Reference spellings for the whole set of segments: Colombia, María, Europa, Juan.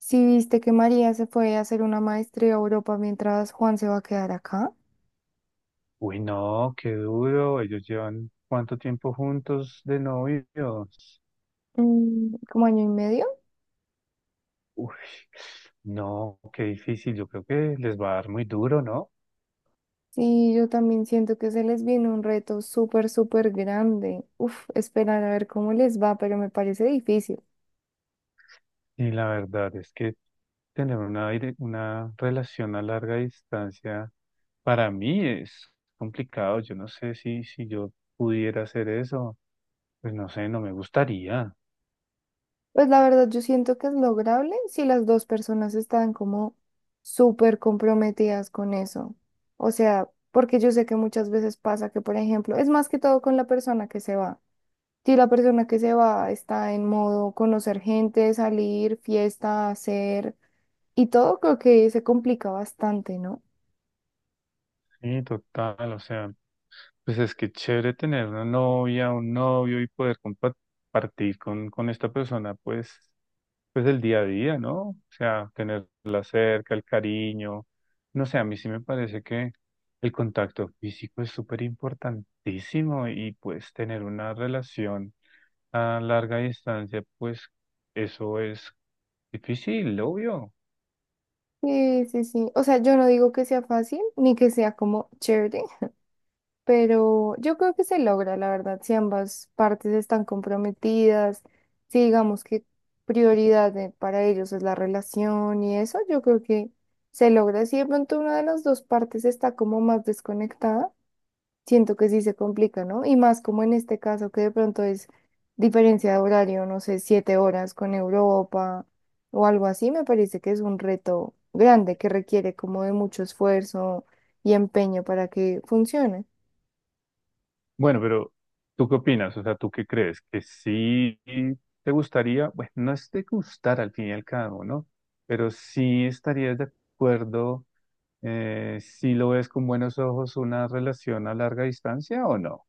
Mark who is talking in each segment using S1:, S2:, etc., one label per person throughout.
S1: Si viste que María se fue a hacer una maestría a Europa mientras Juan se va a quedar acá.
S2: Uy, no, qué duro. Ellos llevan cuánto tiempo juntos de novios.
S1: Como año y medio.
S2: Uy, no, qué difícil. Yo creo que les va a dar muy duro, ¿no?
S1: Sí, yo también siento que se les viene un reto súper, súper grande. Uf, esperar a ver cómo les va, pero me parece difícil.
S2: Y la verdad es que tener una, una relación a larga distancia para mí es complicado. Yo no sé si yo pudiera hacer eso. Pues no sé, no me gustaría.
S1: Pues la verdad, yo siento que es lograble si las dos personas están como súper comprometidas con eso. O sea, porque yo sé que muchas veces pasa que, por ejemplo, es más que todo con la persona que se va. Si la persona que se va está en modo conocer gente, salir, fiesta, hacer y todo, creo que se complica bastante, ¿no?
S2: Sí, total. O sea, pues es que chévere tener una novia, un novio y poder compartir con esta persona, pues pues el día a día, ¿no? O sea, tenerla cerca, el cariño. No sé, a mí sí me parece que el contacto físico es súper importantísimo y pues tener una relación a larga distancia, pues eso es difícil, obvio.
S1: Sí, sí, sí. O sea, yo no digo que sea fácil ni que sea como chévere, pero yo creo que se logra, la verdad, si ambas partes están comprometidas, si digamos que para ellos es la relación y eso, yo creo que se logra. Si de pronto una de las dos partes está como más desconectada, siento que sí se complica, ¿no? Y más como en este caso que de pronto es diferencia de horario, no sé, 7 horas con Europa o algo así. Me parece que es un reto grande que requiere como de mucho esfuerzo y empeño para que funcione.
S2: Bueno, pero ¿tú qué opinas? O sea, ¿tú qué crees? ¿Que sí te gustaría? Bueno, no es de gustar al fin y al cabo, ¿no? Pero sí estarías de acuerdo si lo ves con buenos ojos una relación a larga distancia o no.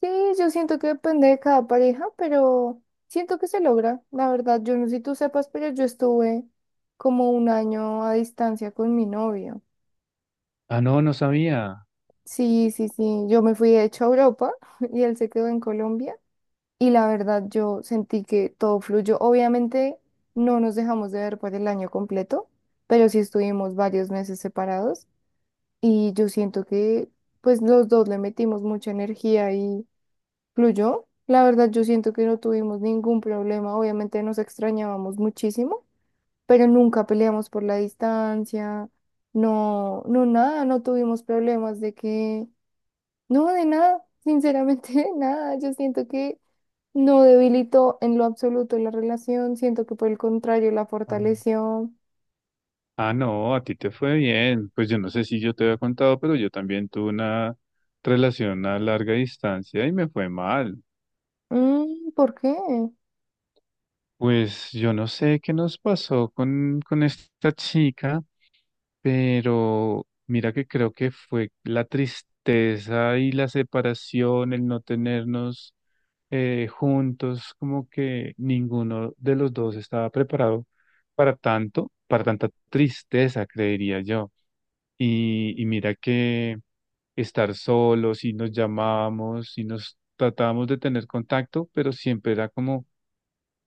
S1: Sí, yo siento que depende de cada pareja, pero siento que se logra. La verdad, yo no sé si tú sepas, pero yo estuve como un año a distancia con mi novio.
S2: Ah, no, no sabía.
S1: Sí, sí, sí. Yo me fui de hecho a Europa y él se quedó en Colombia. Y la verdad yo sentí que todo fluyó. Obviamente no nos dejamos de ver por el año completo, pero sí estuvimos varios meses separados y yo siento que pues los dos le metimos mucha energía y fluyó. La verdad yo siento que no tuvimos ningún problema, obviamente nos extrañábamos muchísimo, pero nunca peleamos por la distancia. No, no nada, no tuvimos problemas de que, no, de nada, sinceramente nada, yo siento que... No debilitó en lo absoluto la relación. Siento que por el contrario la
S2: Ah,
S1: fortaleció.
S2: Ah, no, a ti te fue bien. Pues yo no sé si yo te había contado, pero yo también tuve una relación a larga distancia y me fue mal.
S1: Mm, ¿por qué?
S2: Pues yo no sé qué nos pasó con esta chica, pero mira que creo que fue la tristeza y la separación, el no tenernos juntos, como que ninguno de los dos estaba preparado para tanto, para tanta tristeza, creería yo. Y mira que estar solos y nos llamábamos y nos tratábamos de tener contacto, pero siempre era como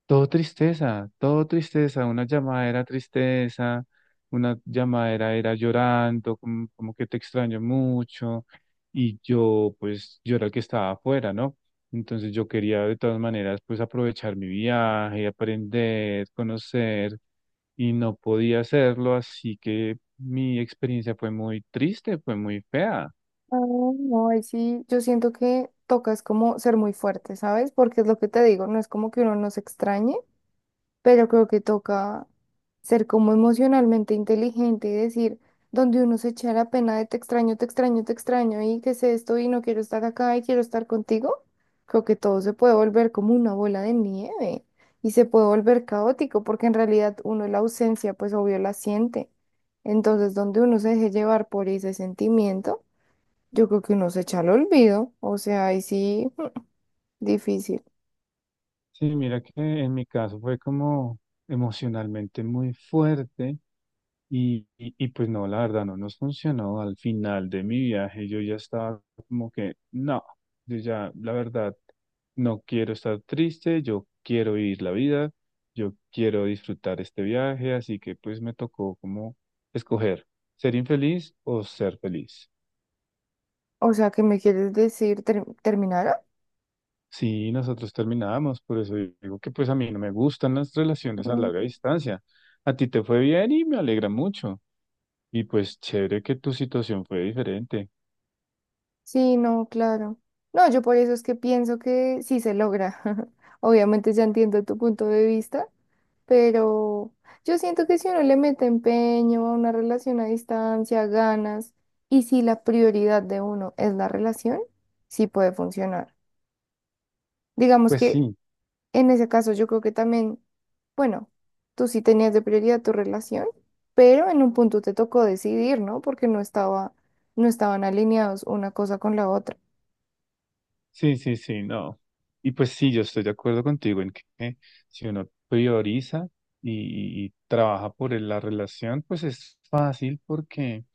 S2: todo tristeza, una llamada era tristeza, una llamadera era llorando, como, como que te extraño mucho, y yo pues yo era el que estaba afuera, ¿no? Entonces yo quería de todas maneras pues aprovechar mi viaje, aprender, conocer, y no podía hacerlo, así que mi experiencia fue muy triste, fue muy fea.
S1: Ah, no, ahí sí, yo siento que toca es como ser muy fuerte, ¿sabes? Porque es lo que te digo, no es como que uno nos extrañe, pero creo que toca ser como emocionalmente inteligente y decir, donde uno se echa la pena de te extraño, te extraño, te extraño y que sé esto y no quiero estar acá y quiero estar contigo, creo que todo se puede volver como una bola de nieve y se puede volver caótico porque en realidad uno la ausencia pues obvio la siente. Entonces, donde uno se deje llevar por ese sentimiento, yo creo que uno se echa al olvido, o sea, ahí sí, difícil.
S2: Sí, mira que en mi caso fue como emocionalmente muy fuerte. Y pues no, la verdad no nos funcionó. Al final de mi viaje yo ya estaba como que no, yo ya, la verdad, no quiero estar triste, yo quiero vivir la vida, yo quiero disfrutar este viaje, así que pues me tocó como escoger ser infeliz o ser feliz.
S1: O sea, ¿qué me quieres decir? ¿Terminaron?
S2: Sí, nosotros terminamos, por eso digo que pues a mí no me gustan las relaciones a larga distancia. A ti te fue bien y me alegra mucho. Y pues chévere que tu situación fue diferente.
S1: Sí, no, claro. No, yo por eso es que pienso que sí se logra. Obviamente ya entiendo tu punto de vista, pero yo siento que si uno le mete empeño a una relación a distancia, ganas, y si la prioridad de uno es la relación, sí puede funcionar. Digamos
S2: Pues
S1: que
S2: sí.
S1: en ese caso yo creo que también, bueno, tú sí tenías de prioridad tu relación, pero en un punto te tocó decidir, ¿no? Porque no estaban alineados una cosa con la otra.
S2: Sí, sí, sí, no. Y pues sí, yo estoy de acuerdo contigo en que si uno prioriza y trabaja por la relación, pues es fácil porque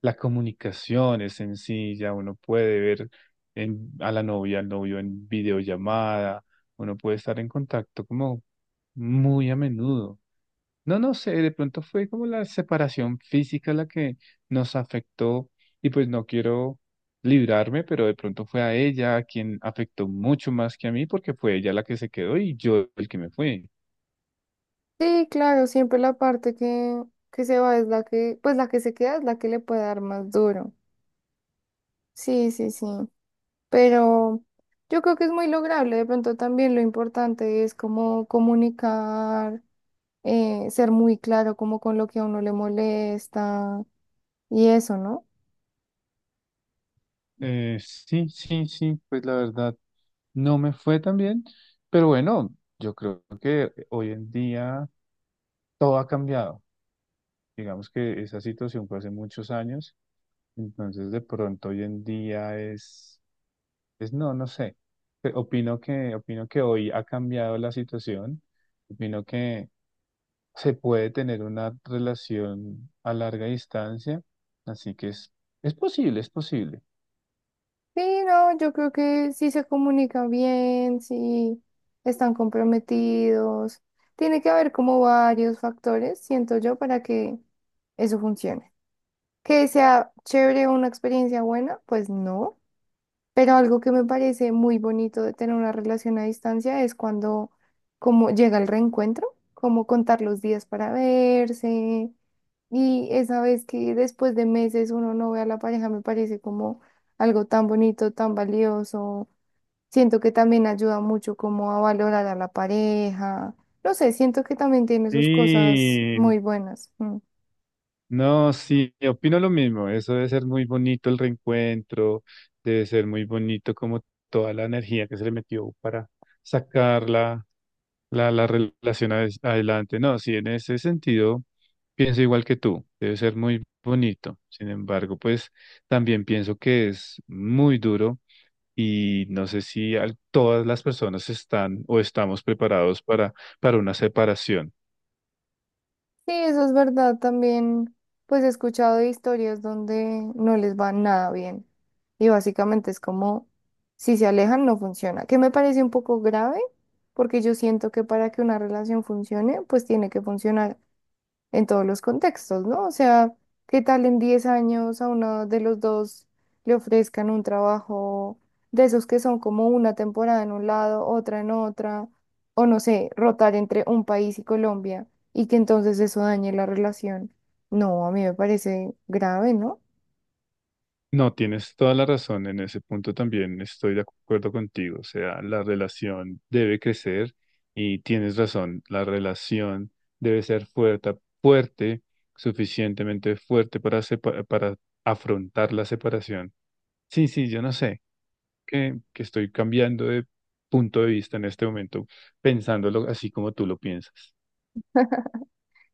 S2: la comunicación es sencilla, uno puede ver a la novia, al novio en videollamada, uno puede estar en contacto como muy a menudo. No, no sé, de pronto fue como la separación física la que nos afectó y pues no quiero librarme, pero de pronto fue a ella a quien afectó mucho más que a mí porque fue ella la que se quedó y yo el que me fue.
S1: Sí, claro, siempre la parte que se va es la que, pues la que se queda es la que le puede dar más duro. Sí, sí, sí. Pero yo creo que es muy lograble. De pronto también lo importante es como comunicar, ser muy claro como con lo que a uno le molesta y eso, ¿no?
S2: Sí, sí, sí, pues la verdad no me fue tan bien, pero bueno, yo creo que hoy en día todo ha cambiado. Digamos que esa situación fue hace muchos años, entonces de pronto hoy en día es... Pues no, no sé. Opino que hoy ha cambiado la situación. Opino que se puede tener una relación a larga distancia. Así que es posible, es posible.
S1: Sí, no, yo creo que sí se comunica bien, sí están comprometidos. Tiene que haber como varios factores, siento yo, para que eso funcione. Que sea chévere, una experiencia buena, pues no. Pero algo que me parece muy bonito de tener una relación a distancia es cuando como llega el reencuentro, como contar los días para verse. Y esa vez que después de meses uno no ve a la pareja me parece como algo tan bonito, tan valioso. Siento que también ayuda mucho como a valorar a la pareja. No sé, siento que también tiene sus cosas
S2: Sí,
S1: muy buenas. Mm.
S2: no, sí, opino lo mismo. Eso debe ser muy bonito el reencuentro, debe ser muy bonito como toda la energía que se le metió para sacarla, la relación adelante. No, sí, en ese sentido pienso igual que tú, debe ser muy bonito. Sin embargo, pues también pienso que es muy duro y no sé si todas las personas están o estamos preparados para una separación.
S1: Sí, eso es verdad. También, pues he escuchado de historias donde no les va nada bien. Y básicamente es como, si se alejan, no funciona. Que me parece un poco grave, porque yo siento que para que una relación funcione, pues tiene que funcionar en todos los contextos, ¿no? O sea, ¿qué tal en 10 años a uno de los dos le ofrezcan un trabajo de esos que son como una temporada en un lado, otra en otra, o no sé, rotar entre un país y Colombia y que entonces eso dañe la relación? No, a mí me parece grave, ¿no?
S2: No, tienes toda la razón, en ese punto también estoy de acuerdo contigo, o sea, la relación debe crecer y tienes razón, la relación debe ser fuerte, fuerte, suficientemente fuerte para, para afrontar la separación. Sí, sí, yo no sé, que estoy cambiando de punto de vista en este momento, pensándolo así como tú lo piensas.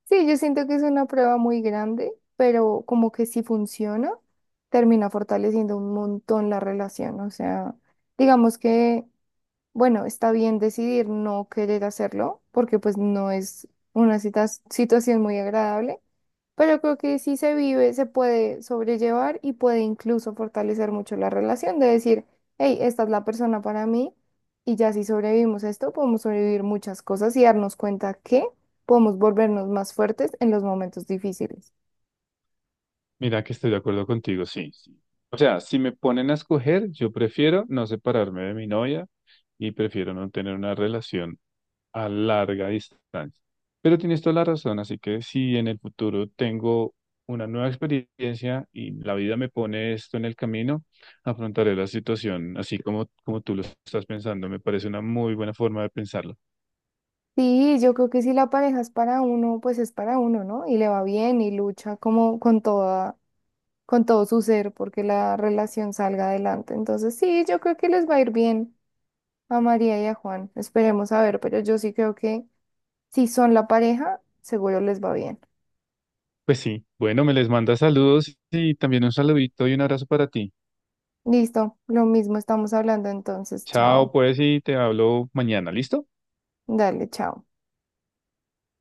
S1: Sí, yo siento que es una prueba muy grande, pero como que si funciona, termina fortaleciendo un montón la relación, o sea, digamos que... Bueno, está bien decidir no querer hacerlo porque pues no es una situación muy agradable, pero creo que si se vive, se puede sobrellevar y puede incluso fortalecer mucho la relación de decir, hey, esta es la persona para mí y ya si sobrevivimos a esto, podemos sobrevivir muchas cosas y darnos cuenta que podemos volvernos más fuertes en los momentos difíciles.
S2: Mira que estoy de acuerdo contigo, sí, sí. O sea, si me ponen a escoger, yo prefiero no separarme de mi novia y prefiero no tener una relación a larga distancia. Pero tienes toda la razón, así que si en el futuro tengo una nueva experiencia y la vida me pone esto en el camino, afrontaré la situación así como, como tú lo estás pensando. Me parece una muy buena forma de pensarlo.
S1: Sí, yo creo que si la pareja es para uno, pues es para uno, ¿no? Y le va bien y lucha como con toda con todo su ser porque la relación salga adelante. Entonces, sí, yo creo que les va a ir bien a María y a Juan. Esperemos a ver, pero yo sí creo que si son la pareja, seguro les va bien.
S2: Pues sí, bueno, me les manda saludos y también un saludito y un abrazo para ti.
S1: Listo, lo mismo estamos hablando entonces.
S2: Chao,
S1: Chao.
S2: pues, y te hablo mañana, ¿listo?
S1: Dale, chao.